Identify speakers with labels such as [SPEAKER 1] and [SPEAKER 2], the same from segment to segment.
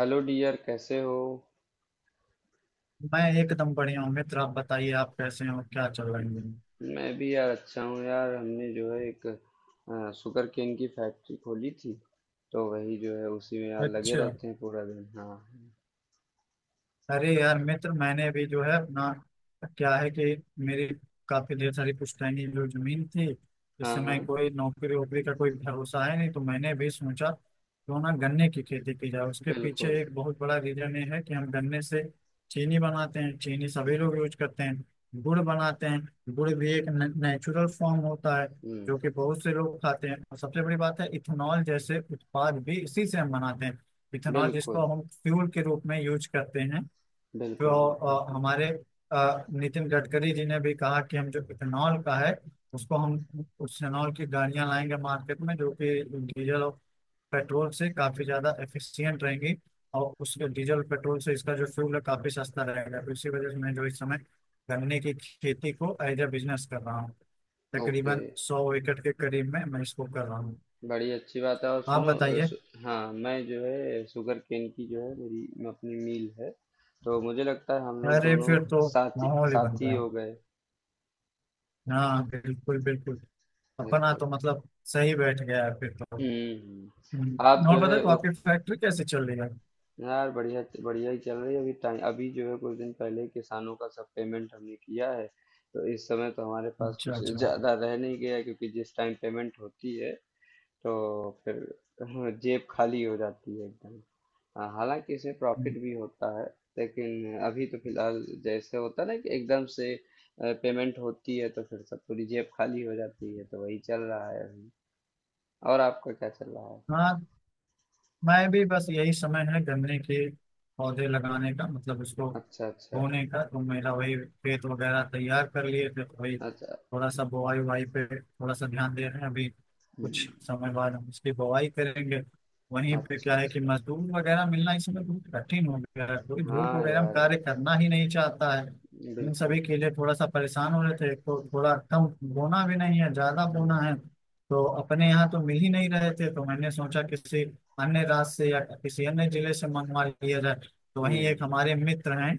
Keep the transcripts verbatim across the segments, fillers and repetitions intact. [SPEAKER 1] Hello dear, कैसे हो?
[SPEAKER 2] मैं एकदम बढ़िया हूँ, मित्र। आप बताइए, आप कैसे हो? क्या चल रहा है इन दिनों?
[SPEAKER 1] मैं भी यार अच्छा हूँ। यार हमने जो है एक आ, शुगर केन की फैक्ट्री खोली थी। तो वही जो है उसी में यार लगे
[SPEAKER 2] अच्छा।
[SPEAKER 1] रहते हैं पूरा दिन। हाँ,
[SPEAKER 2] अरे यार मित्र, मैंने भी जो है अपना, क्या है कि, मेरी काफी ढेर सारी पुश्तैनी जो जमीन थी, इस
[SPEAKER 1] हाँ, हाँ,
[SPEAKER 2] समय कोई नौकरी वोकरी का कोई भरोसा है नहीं, तो मैंने भी सोचा क्यों ना गन्ने की खेती की जाए। उसके पीछे
[SPEAKER 1] बिल्कुल।
[SPEAKER 2] एक बहुत बड़ा रीजन ये है कि हम गन्ने से चीनी बनाते हैं, चीनी सभी लोग यूज करते हैं। गुड़ बनाते हैं, गुड़ भी एक नेचुरल फॉर्म होता है
[SPEAKER 1] हम्म।
[SPEAKER 2] जो कि बहुत से लोग खाते हैं। और सबसे बड़ी बात है, इथेनॉल जैसे उत्पाद भी इसी से हम बनाते हैं। इथेनॉल
[SPEAKER 1] बिल्कुल,
[SPEAKER 2] जिसको हम फ्यूल के रूप में यूज करते हैं। जो
[SPEAKER 1] बिल्कुल, बिल्कुल।
[SPEAKER 2] अ, हमारे अ, नितिन गडकरी जी ने भी कहा कि हम जो इथेनॉल का है, उसको हम, उस इथेनॉल की गाड़ियां लाएंगे मार्केट में जो कि डीजल और पेट्रोल से काफी ज्यादा एफिशिएंट रहेंगी। और उसके डीजल पेट्रोल से इसका जो फ्यूल है काफी सस्ता रहेगा। तो इसी वजह से मैं जो इस समय गन्ने की खेती को एज ए बिजनेस कर रहा हूँ।
[SPEAKER 1] ओके।
[SPEAKER 2] तकरीबन सौ एकड़ के करीब में मैं इसको कर रहा हूँ।
[SPEAKER 1] बड़ी अच्छी बात है। और
[SPEAKER 2] आप
[SPEAKER 1] सुनो, अ,
[SPEAKER 2] बताइए।
[SPEAKER 1] सु, हाँ मैं जो है शुगर केन की जो है मेरी, मैं अपनी मील है। तो मुझे लगता है हम लोग
[SPEAKER 2] अरे
[SPEAKER 1] दोनों
[SPEAKER 2] फिर तो
[SPEAKER 1] साथी,
[SPEAKER 2] माहौल ही बन
[SPEAKER 1] साथी
[SPEAKER 2] गया।
[SPEAKER 1] हो गए।
[SPEAKER 2] हाँ, बिल्कुल बिल्कुल। अपना तो
[SPEAKER 1] बिल्कुल।
[SPEAKER 2] मतलब सही बैठ गया है फिर तो।
[SPEAKER 1] हम्म। हम्म, आप
[SPEAKER 2] हम्म, और
[SPEAKER 1] जो
[SPEAKER 2] बता,
[SPEAKER 1] है
[SPEAKER 2] तो
[SPEAKER 1] उ,
[SPEAKER 2] आपकी फैक्ट्री कैसे चल रही है?
[SPEAKER 1] यार बढ़िया बढ़िया ही चल रही है। अभी टाइम अभी जो है कुछ दिन पहले ही किसानों का सब पेमेंट हमने किया है। तो इस समय तो हमारे पास
[SPEAKER 2] अच्छा
[SPEAKER 1] कुछ
[SPEAKER 2] अच्छा।
[SPEAKER 1] ज्यादा रह नहीं गया, क्योंकि जिस टाइम पेमेंट होती है तो फिर जेब खाली हो जाती है एकदम। हाँ, हालांकि इसमें
[SPEAKER 2] हम्म,
[SPEAKER 1] प्रॉफिट भी होता है, लेकिन अभी तो फिलहाल जैसे होता है ना कि एकदम से पेमेंट होती है तो फिर सब पूरी जेब खाली हो जाती है, तो वही चल रहा है अभी। और आपका क्या चल रहा है?
[SPEAKER 2] हाँ, मैं भी बस यही समय है गन्ने के पौधे लगाने का, मतलब उसको
[SPEAKER 1] अच्छा। अच्छा।
[SPEAKER 2] बोने का। तो मेरा वही खेत वगैरह तैयार कर लिए थे, तो वही
[SPEAKER 1] अच्छा।
[SPEAKER 2] थोड़ा सा बुआई उवाई पे थोड़ा सा ध्यान दे रहे हैं अभी।
[SPEAKER 1] हम्म।
[SPEAKER 2] कुछ समय बाद हम उसकी बुआई करेंगे। वहीं पे
[SPEAKER 1] अच्छा।
[SPEAKER 2] क्या है कि
[SPEAKER 1] अच्छा।
[SPEAKER 2] मजदूर वगैरह मिलना इस समय बहुत कठिन हो गया है, कोई धूप
[SPEAKER 1] हाँ
[SPEAKER 2] वगैरह में
[SPEAKER 1] यार।
[SPEAKER 2] कार्य करना ही नहीं चाहता है। इन
[SPEAKER 1] बिल्कुल।
[SPEAKER 2] सभी के लिए थोड़ा सा परेशान हो रहे थे। एक तो थोड़ा कम बोना भी नहीं है, ज्यादा बोना
[SPEAKER 1] हम्म।
[SPEAKER 2] है। तो अपने यहाँ तो मिल ही नहीं रहे थे, तो मैंने सोचा किसी अन्य राज्य से या किसी अन्य जिले से मंगवा लिया जाए। तो वहीं एक
[SPEAKER 1] हम्म
[SPEAKER 2] हमारे मित्र हैं,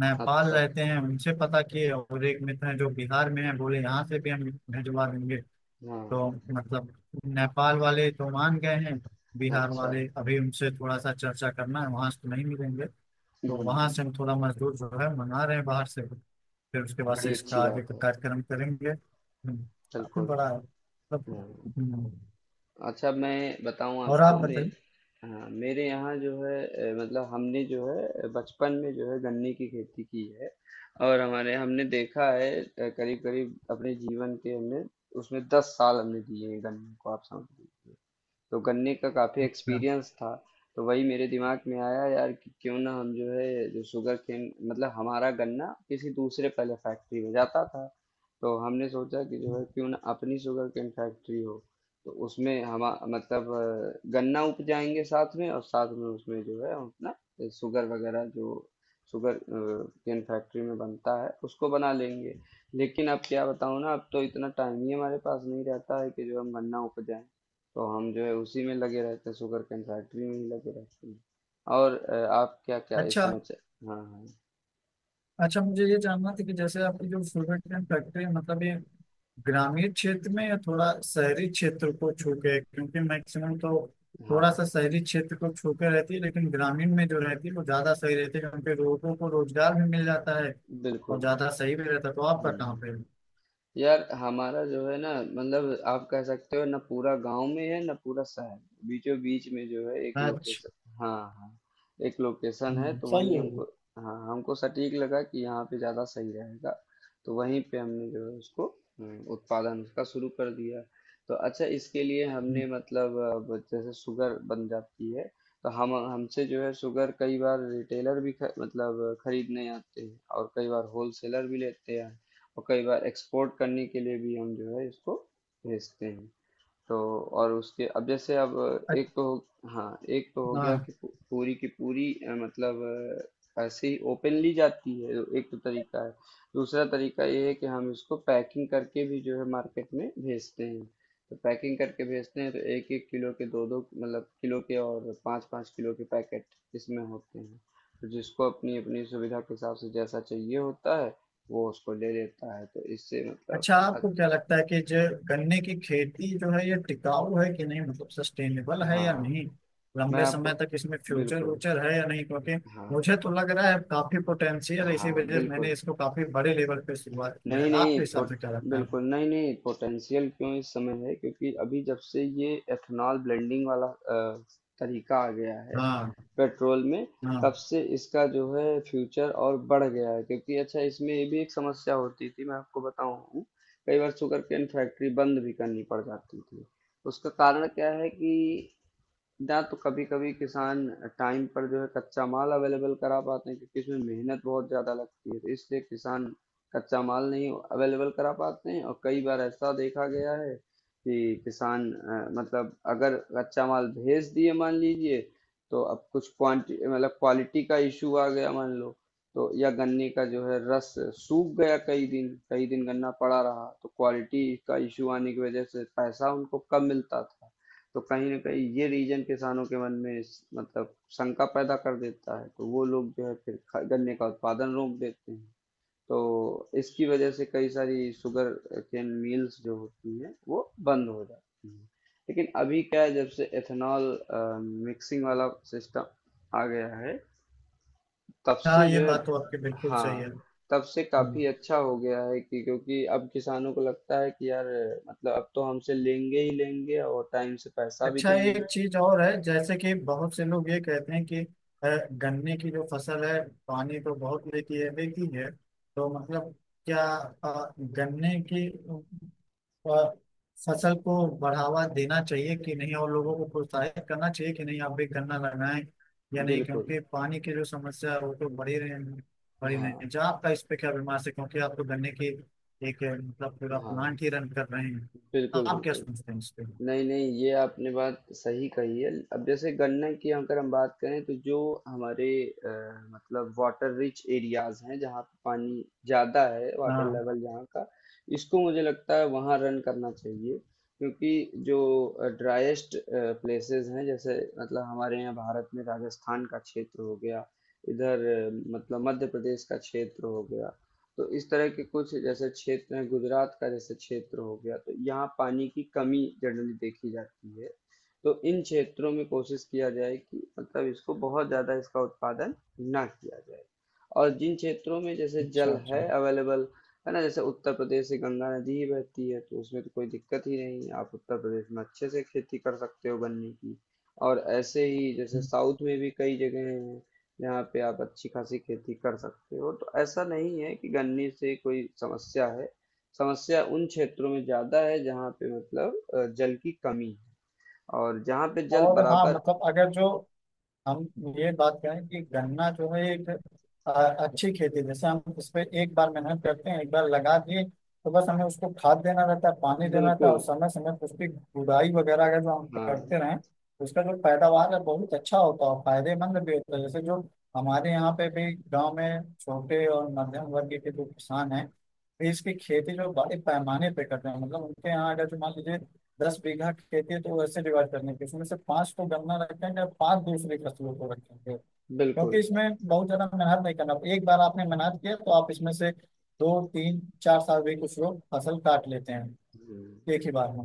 [SPEAKER 2] नेपाल
[SPEAKER 1] अच्छा।
[SPEAKER 2] रहते हैं, उनसे पता किए। और एक मित्र हैं जो बिहार में हैं, बोले यहाँ से भी हम भिजवा देंगे।
[SPEAKER 1] हाँ।
[SPEAKER 2] तो मतलब नेपाल वाले तो मान गए हैं। बिहार
[SPEAKER 1] अच्छा।
[SPEAKER 2] वाले अभी उनसे थोड़ा सा चर्चा करना है, वहां से तो नहीं मिलेंगे। तो वहां
[SPEAKER 1] हम्म।
[SPEAKER 2] से हम थोड़ा मजदूर जो है मंगा रहे हैं बाहर से। फिर उसके बाद से
[SPEAKER 1] बड़ी
[SPEAKER 2] इसका
[SPEAKER 1] अच्छी
[SPEAKER 2] आगे
[SPEAKER 1] बात
[SPEAKER 2] का
[SPEAKER 1] है।
[SPEAKER 2] कार्यक्रम करेंगे। हम्म, काफी
[SPEAKER 1] बिल्कुल।
[SPEAKER 2] बड़ा है, मतलब।
[SPEAKER 1] हाँ।
[SPEAKER 2] हम्म,
[SPEAKER 1] अच्छा, मैं बताऊं
[SPEAKER 2] और
[SPEAKER 1] आपको,
[SPEAKER 2] आप
[SPEAKER 1] मैं
[SPEAKER 2] बताइए।
[SPEAKER 1] हाँ मेरे यहाँ जो है अ, मतलब हमने जो है अ, बचपन में जो है गन्ने की खेती की है। और हमारे हमने देखा है, करीब करीब अपने जीवन के हमने उसमें दस साल हमने दिए हैं गन्ने को, आप समझ लीजिए। तो गन्ने का काफ़ी
[SPEAKER 2] अच्छा
[SPEAKER 1] एक्सपीरियंस था। तो वही मेरे दिमाग में आया यार कि क्यों ना हम जो है जो शुगर केन मतलब हमारा गन्ना किसी दूसरे पहले फैक्ट्री में जाता था। तो हमने सोचा कि जो है क्यों ना अपनी शुगर केन फैक्ट्री हो। तो उसमें हम मतलब अ, गन्ना उपजाएंगे साथ में, और साथ में उसमें जो है हम अपना शुगर वगैरह जो शुगर केन फैक्ट्री में बनता है उसको बना लेंगे। लेकिन अब क्या बताऊं ना, अब तो इतना टाइम ही हमारे पास नहीं रहता है कि जो हम गन्ना उपजाएं। तो हम जो है उसी में लगे रहते हैं, शुगर केन फैक्ट्री में ही लगे रहते हैं। और अ, आप क्या क्या इस
[SPEAKER 2] अच्छा।
[SPEAKER 1] समय च- हाँ, हाँ,
[SPEAKER 2] अच्छा, मुझे ये जानना था कि जैसे आपकी जो शुगर केन फैक्ट्री है, मतलब ये ग्रामीण क्षेत्र में या थोड़ा शहरी क्षेत्र को छू के है? क्योंकि मैक्सिमम तो थोड़ा सा
[SPEAKER 1] हाँ,
[SPEAKER 2] शहरी क्षेत्र को छू के रहती है, लेकिन ग्रामीण में जो रहती है वो ज्यादा सही रहती है क्योंकि लोगों को रोजगार भी मिल जाता है और
[SPEAKER 1] बिल्कुल।
[SPEAKER 2] ज्यादा सही भी रहता है। तो आपका कहाँ
[SPEAKER 1] हम्म।
[SPEAKER 2] पे है?
[SPEAKER 1] यार हमारा जो है ना, मतलब आप कह सकते हो ना, पूरा गांव में है ना पूरा शहर, बीचों बीच में जो है एक
[SPEAKER 2] अच्छा।
[SPEAKER 1] लोकेशन, हाँ, हाँ, एक लोकेशन है
[SPEAKER 2] हम्म,
[SPEAKER 1] तो
[SPEAKER 2] सही
[SPEAKER 1] वहीं
[SPEAKER 2] है।
[SPEAKER 1] हमको, हाँ, हमको सटीक लगा कि यहाँ पे ज़्यादा सही रहेगा। तो वहीं पे हमने जो है उसको, हम्म, उत्पादन उसका शुरू कर दिया। तो अच्छा, इसके लिए
[SPEAKER 2] हम्म।
[SPEAKER 1] हमने मतलब अ, जैसे शुगर बन जाती है, तो हम हमसे जो है शुगर कई बार रिटेलर भी ख, मतलब खरीदने आते हैं, और कई बार होलसेलर भी लेते हैं। और कई बार एक्सपोर्ट करने के लिए भी हम जो है इसको भेजते हैं। तो और उसके, अब जैसे अब एक
[SPEAKER 2] अच्छा।
[SPEAKER 1] तो हो- हाँ एक तो हो
[SPEAKER 2] हाँ।
[SPEAKER 1] गया कि पू- पूरी की पूरी अ, मतलब अ, ऐसे ही ओपनली जाती है, एक तो तरीका है। दूसरा तरीका ये है कि हम इसको पैकिंग करके भी जो है मार्केट में भेजते हैं। तो पैकिंग करके भेजते हैं तो एक एक किलो के, दो दो मतलब किलो के, और पाँच पाँच किलो के पैकेट इसमें होते हैं। तो जिसको अपनी अपनी सुविधा के हिसाब से जैसा चाहिए होता है, वो उसको ले लेता है। तो इससे मतलब
[SPEAKER 2] अच्छा,
[SPEAKER 1] अ-
[SPEAKER 2] आपको क्या लगता है कि जो गन्ने की खेती जो है ये टिकाऊ है कि नहीं, मतलब सस्टेनेबल है या
[SPEAKER 1] हाँ,
[SPEAKER 2] नहीं,
[SPEAKER 1] मैं
[SPEAKER 2] लंबे समय
[SPEAKER 1] आपको
[SPEAKER 2] तक इसमें फ्यूचर
[SPEAKER 1] बिल्कुल।
[SPEAKER 2] व्यूचर है या नहीं? क्योंकि
[SPEAKER 1] हाँ,
[SPEAKER 2] मुझे तो लग रहा है काफी पोटेंशियल है, इसी
[SPEAKER 1] हाँ,
[SPEAKER 2] वजह से मैंने
[SPEAKER 1] बिल्कुल।
[SPEAKER 2] इसको काफी बड़े लेवल पे शुरुआत किया है।
[SPEAKER 1] नहीं-नहीं
[SPEAKER 2] आपके हिसाब
[SPEAKER 1] पोट
[SPEAKER 2] से क्या लगता है?
[SPEAKER 1] बिल्कुल, नहीं-नहीं पोटेंशियल क्यों इस समय है, क्योंकि अभी जब से ये एथेनॉल ब्लेंडिंग वाला अ, तरीका आ गया है
[SPEAKER 2] हाँ।
[SPEAKER 1] पेट्रोल में,
[SPEAKER 2] हाँ।
[SPEAKER 1] तब से इसका जो है फ्यूचर और बढ़ गया है। क्योंकि अच्छा, इसमें ये भी एक समस्या होती थी, मैं आपको बताऊँ, कई बार शुगरकेन फैक्ट्री बंद भी करनी पड़ जाती थी। उसका कारण क्या है कि ना तो कभी-कभी किसान टाइम पर जो है कच्चा माल अवेलेबल करा पाते हैं, क्योंकि इसमें मेहनत बहुत ज़्यादा लगती है, तो इसलिए किसान कच्चा माल नहीं अवेलेबल करा पाते हैं। और कई बार ऐसा देखा गया है कि किसान अ, मतलब अगर कच्चा माल भेज दिए मान लीजिए, तो अब कुछ क्वांटी मतलब क्वालिटी का इशू आ गया मान लो, तो या गन्ने का जो है रस सूख गया, कई दिन कई दिन गन्ना पड़ा रहा, तो क्वालिटी का इशू आने की वजह से पैसा उनको कम मिलता था। तो कहीं न कहीं ये रीज़न किसानों के मन में स मतलब शंका पैदा कर देता है, तो वो लोग जो है फिर ख गन्ने का उत्पादन रोक देते हैं। तो इसकी वजह से कई सारी शुगर केन मिल्स जो होती हैं, वो बंद हो जाती हैं। लेकिन अभी क्या है, जब से एथेनॉल अ, मिक्सिंग वाला सिस्टम आ गया है, तब
[SPEAKER 2] हाँ,
[SPEAKER 1] से
[SPEAKER 2] ये
[SPEAKER 1] जो है, हाँ,
[SPEAKER 2] बात
[SPEAKER 1] ये
[SPEAKER 2] तो
[SPEAKER 1] बात
[SPEAKER 2] आपकी
[SPEAKER 1] तो है।
[SPEAKER 2] बिल्कुल सही है।
[SPEAKER 1] हाँ, तब से
[SPEAKER 2] हम्म।
[SPEAKER 1] काफ़ी अच्छा हो गया है कि, क्योंकि अब किसानों को लगता है कि यार मतलब अब तो हमसे लेंगे ही लेंगे और टाइम से पैसा भी
[SPEAKER 2] अच्छा,
[SPEAKER 1] देंगे।
[SPEAKER 2] एक चीज और है, जैसे कि बहुत से लोग ये कहते हैं कि अ, गन्ने की जो फसल है पानी तो बहुत लेती है, लेती है। तो मतलब क्या अ, गन्ने की अ, फसल को बढ़ावा देना चाहिए कि नहीं, और लोगों को प्रोत्साहित करना चाहिए कि नहीं आप भी गन्ना लगाएं या नहीं?
[SPEAKER 1] बिल्कुल,
[SPEAKER 2] क्योंकि पानी की जो समस्या है वो तो बढ़ी रही, बढ़ी नहीं
[SPEAKER 1] हाँ,
[SPEAKER 2] है। जहाँ आपका इस पे क्या विमर्श है, क्योंकि आप तो गन्ने की एक, अ, मतलब पूरा
[SPEAKER 1] हाँ,
[SPEAKER 2] प्लांट ही रन कर रहे हैं।
[SPEAKER 1] बिल्कुल,
[SPEAKER 2] आप क्या
[SPEAKER 1] बिल्कुल।
[SPEAKER 2] सोचते हैं इस पे?
[SPEAKER 1] नहीं, नहीं, ये आपने बात सही कही है। अब जैसे गन्ने की अगर हम बात करें, तो जो हमारे अ, मतलब वाटर रिच एरियाज़ हैं, जहाँ पे पानी ज़्यादा है, वाटर
[SPEAKER 2] हाँ।
[SPEAKER 1] लेवल जहाँ का, इसको मुझे लगता है वहाँ रन करना चाहिए। क्योंकि जो ड्राइएस्ट प्लेसेस हैं, जैसे मतलब हमारे यहाँ भारत में राजस्थान का क्षेत्र हो गया, इधर अ, मतलब मध्य प्रदेश का क्षेत्र हो गया, तो इस तरह के कुछ जैसे क्षेत्र हैं, गुजरात का जैसे क्षेत्र हो गया, तो यहाँ पानी की कमी जनरली देखी जाती है। तो इन क्षेत्रों में कोशिश किया जाए कि मतलब इसको बहुत ज़्यादा इसका उत्पादन ना किया जाए। और जिन क्षेत्रों में जैसे
[SPEAKER 2] अच्छा
[SPEAKER 1] जल है
[SPEAKER 2] अच्छा।
[SPEAKER 1] अवेलेबल, है ना, जैसे उत्तर प्रदेश से गंगा नदी ही बहती है, तो उसमें तो कोई दिक्कत ही नहीं है, आप उत्तर प्रदेश में अच्छे से खेती कर सकते हो गन्ने की। और ऐसे ही जैसे साउथ में भी कई जगह हैं, यहाँ पे आप अच्छी खासी खेती कर सकते हो। तो ऐसा नहीं है कि गन्ने से कोई समस्या है। समस्या उन क्षेत्रों में ज्यादा है जहाँ पे मतलब अ, जल की कमी है और जहाँ पे जल
[SPEAKER 2] और हाँ,
[SPEAKER 1] बराबर,
[SPEAKER 2] मतलब अगर जो हम ये बात करें कि गन्ना जो है एक अ, अच्छी खेती है। जैसे हम उस पे एक बार मेहनत करते हैं, एक बार लगा दिए तो बस हमें उसको खाद देना रहता है, पानी देना रहता है और
[SPEAKER 1] बिल्कुल,
[SPEAKER 2] समय समय पर उसकी गुड़ाई वगैरह अगर जो हम
[SPEAKER 1] हाँ,
[SPEAKER 2] करते रहें तो उसका जो पैदावार है बहुत अच्छा होता है और फायदेमंद भी होता है। जैसे जो हमारे यहाँ पे भी गाँव में छोटे और मध्यम वर्ग के जो किसान हैं, इसकी खेती जो बड़े पैमाने पे करते हैं, मतलब उनके यहाँ अगर जो मान लीजिए दस बीघा खेती है तो वैसे डिवाइड करने की उसमें से पांच को गन्ना रखेंगे और पांच दूसरी फसलों को रखेंगे। क्योंकि
[SPEAKER 1] बिल्कुल।
[SPEAKER 2] इसमें बहुत ज्यादा मेहनत नहीं करना, एक बार आपने मेहनत किया तो आप इसमें से दो तीन चार साल भी कुछ लोग फसल काट लेते हैं
[SPEAKER 1] हम्म,
[SPEAKER 2] एक ही बार में।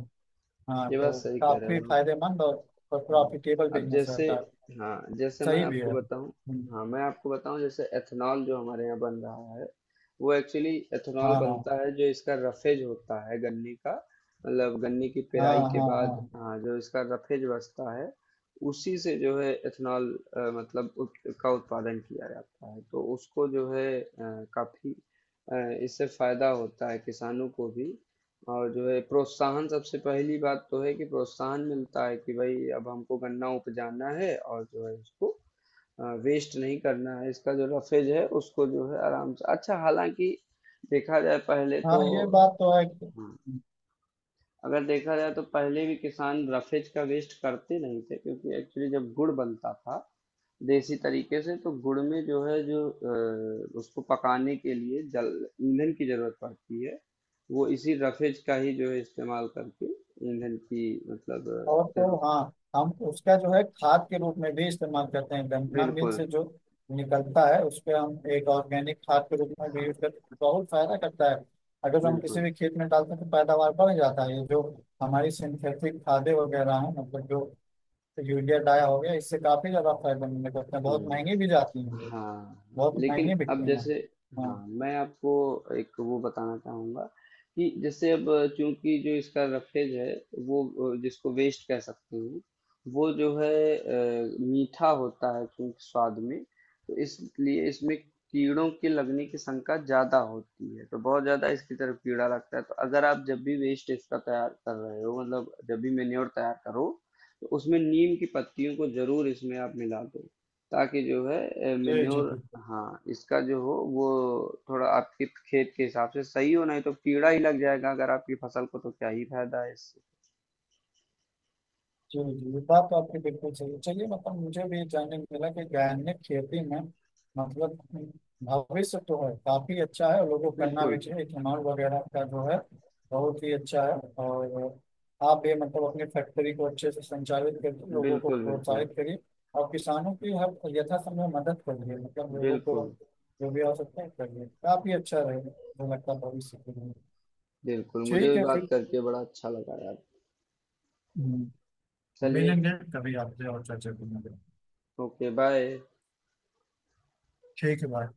[SPEAKER 2] हाँ,
[SPEAKER 1] ये बात
[SPEAKER 2] तो
[SPEAKER 1] सही कह रहे
[SPEAKER 2] काफी
[SPEAKER 1] हो।
[SPEAKER 2] फायदेमंद और, और
[SPEAKER 1] हुँ।
[SPEAKER 2] प्रॉफिटेबल
[SPEAKER 1] अब
[SPEAKER 2] बिजनेस
[SPEAKER 1] जैसे,
[SPEAKER 2] रहता है।
[SPEAKER 1] हाँ, जैसे मैं
[SPEAKER 2] सही भी
[SPEAKER 1] आपको
[SPEAKER 2] है।
[SPEAKER 1] बताऊँ,
[SPEAKER 2] हम्म,
[SPEAKER 1] हाँ, मैं आपको बताऊँ, जैसे एथेनॉल जो हमारे यहाँ बन रहा है, वो एक्चुअली एथेनॉल
[SPEAKER 2] हाँ हाँ
[SPEAKER 1] बनता है जो इसका रफेज होता है गन्ने का, मतलब गन्ने की
[SPEAKER 2] हाँ
[SPEAKER 1] पेराई के
[SPEAKER 2] हाँ
[SPEAKER 1] बाद,
[SPEAKER 2] हाँ
[SPEAKER 1] हाँ, जो इसका रफेज बचता है, उसी से जो है एथेनॉल अ, मतलब उत का उत्पादन किया जाता है। तो उसको जो है अ, काफ़ी अ, इससे फ़ायदा होता है किसानों को भी, और जो है प्रोत्साहन सबसे पहली बात तो है कि प्रोत्साहन मिलता है कि भाई अब हमको गन्ना उपजाना है और जो है उसको वेस्ट नहीं करना है। इसका जो रफेज है उसको जो है आराम से, अच्छा, हालांकि देखा जाए पहले
[SPEAKER 2] हाँ,
[SPEAKER 1] तो,
[SPEAKER 2] ये बात तो है।
[SPEAKER 1] हाँ, अगर देखा जाए तो पहले भी किसान रफेज का वेस्ट करते नहीं थे, क्योंकि एक्चुअली जब गुड़ बनता था देसी तरीके से, तो गुड़ में जो है जो अ, उसको पकाने के लिए जल, ईंधन की जरूरत पड़ती है, वो इसी रफेज का ही जो है इस्तेमाल करके ईंधन की मतलब अ,
[SPEAKER 2] और तो
[SPEAKER 1] जरूरत,
[SPEAKER 2] हाँ, हम उसका जो है खाद के रूप में भी इस्तेमाल करते हैं। गन्ना मिल
[SPEAKER 1] बिल्कुल,
[SPEAKER 2] से जो निकलता है उस पे हम एक ऑर्गेनिक खाद के रूप में भी
[SPEAKER 1] हाँ,
[SPEAKER 2] यूज करते हैं, बहुत फायदा करता है। अगर जो हम किसी
[SPEAKER 1] बिल्कुल।
[SPEAKER 2] भी खेत में डालते हैं तो पैदावार बढ़ जाता है। ये जो हमारी सिंथेटिक खादें वगैरह हैं, मतलब जो यूरिया डाया हो गया, इससे काफी ज्यादा फायदा मिलने करते हैं। बहुत
[SPEAKER 1] हम्म।
[SPEAKER 2] महंगी भी जाती हैं ये,
[SPEAKER 1] हाँ।
[SPEAKER 2] बहुत
[SPEAKER 1] लेकिन
[SPEAKER 2] महंगी
[SPEAKER 1] अब
[SPEAKER 2] बिकती हैं।
[SPEAKER 1] जैसे, हाँ,
[SPEAKER 2] हाँ।
[SPEAKER 1] मैं आपको एक वो बताना चाहूँगा कि जैसे अब चूंकि जो इसका रफेज है, वो अ, जिसको वेस्ट कह सकते हैं, वो जो है अ, मीठा होता है चूंकि स्वाद में, तो इसलिए इसमें कीड़ों के लगने की शंका ज़्यादा होती है, तो बहुत ज़्यादा इसकी तरफ कीड़ा लगता है। तो अगर आप जब भी वेस्ट इसका तैयार कर रहे हो, मतलब जब भी मेन्योर तैयार करो, तो उसमें नीम की पत्तियों को जरूर इसमें आप मिला दो, ताकि जो है
[SPEAKER 2] जी जी,
[SPEAKER 1] मेन्योर,
[SPEAKER 2] बिल्कुल।
[SPEAKER 1] हाँ, इसका जो हो वो थोड़ा आपके खेत के हिसाब से सही हो, नहीं तो कीड़ा ही लग जाएगा अगर आपकी फसल को, तो क्या ही फायदा है इससे?
[SPEAKER 2] जी जी, ये बात तो आपकी बिल्कुल सही है। चलिए, मतलब मुझे भी जानने को मिला कि गायनिक खेती में, मतलब भविष्य तो है, काफी अच्छा है और लोगों को करना भी
[SPEAKER 1] बिल्कुल,
[SPEAKER 2] चाहिए। इथेनॉल वगैरह का जो है बहुत ही अच्छा है। और आप भी मतलब अपनी फैक्ट्री को अच्छे से संचालित करके लोगों को
[SPEAKER 1] बिल्कुल, बिल्कुल,
[SPEAKER 2] प्रोत्साहित करिए और किसानों की हर यथासंभव मदद करिए, मतलब लोगों को
[SPEAKER 1] बिल्कुल।
[SPEAKER 2] जो भी आवश्यकता है करिए। काफी अच्छा रहेगा मुझे लगता है भविष्य के लिए।
[SPEAKER 1] बिल्कुल, मुझे
[SPEAKER 2] ठीक
[SPEAKER 1] भी
[SPEAKER 2] है
[SPEAKER 1] बात
[SPEAKER 2] फिर।
[SPEAKER 1] करके बड़ा अच्छा लगा यार।
[SPEAKER 2] हम्म,
[SPEAKER 1] चलिए।
[SPEAKER 2] मिलेंगे कभी आपसे और चर्चा करेंगे।
[SPEAKER 1] Okay, bye.
[SPEAKER 2] ठीक है, बाय।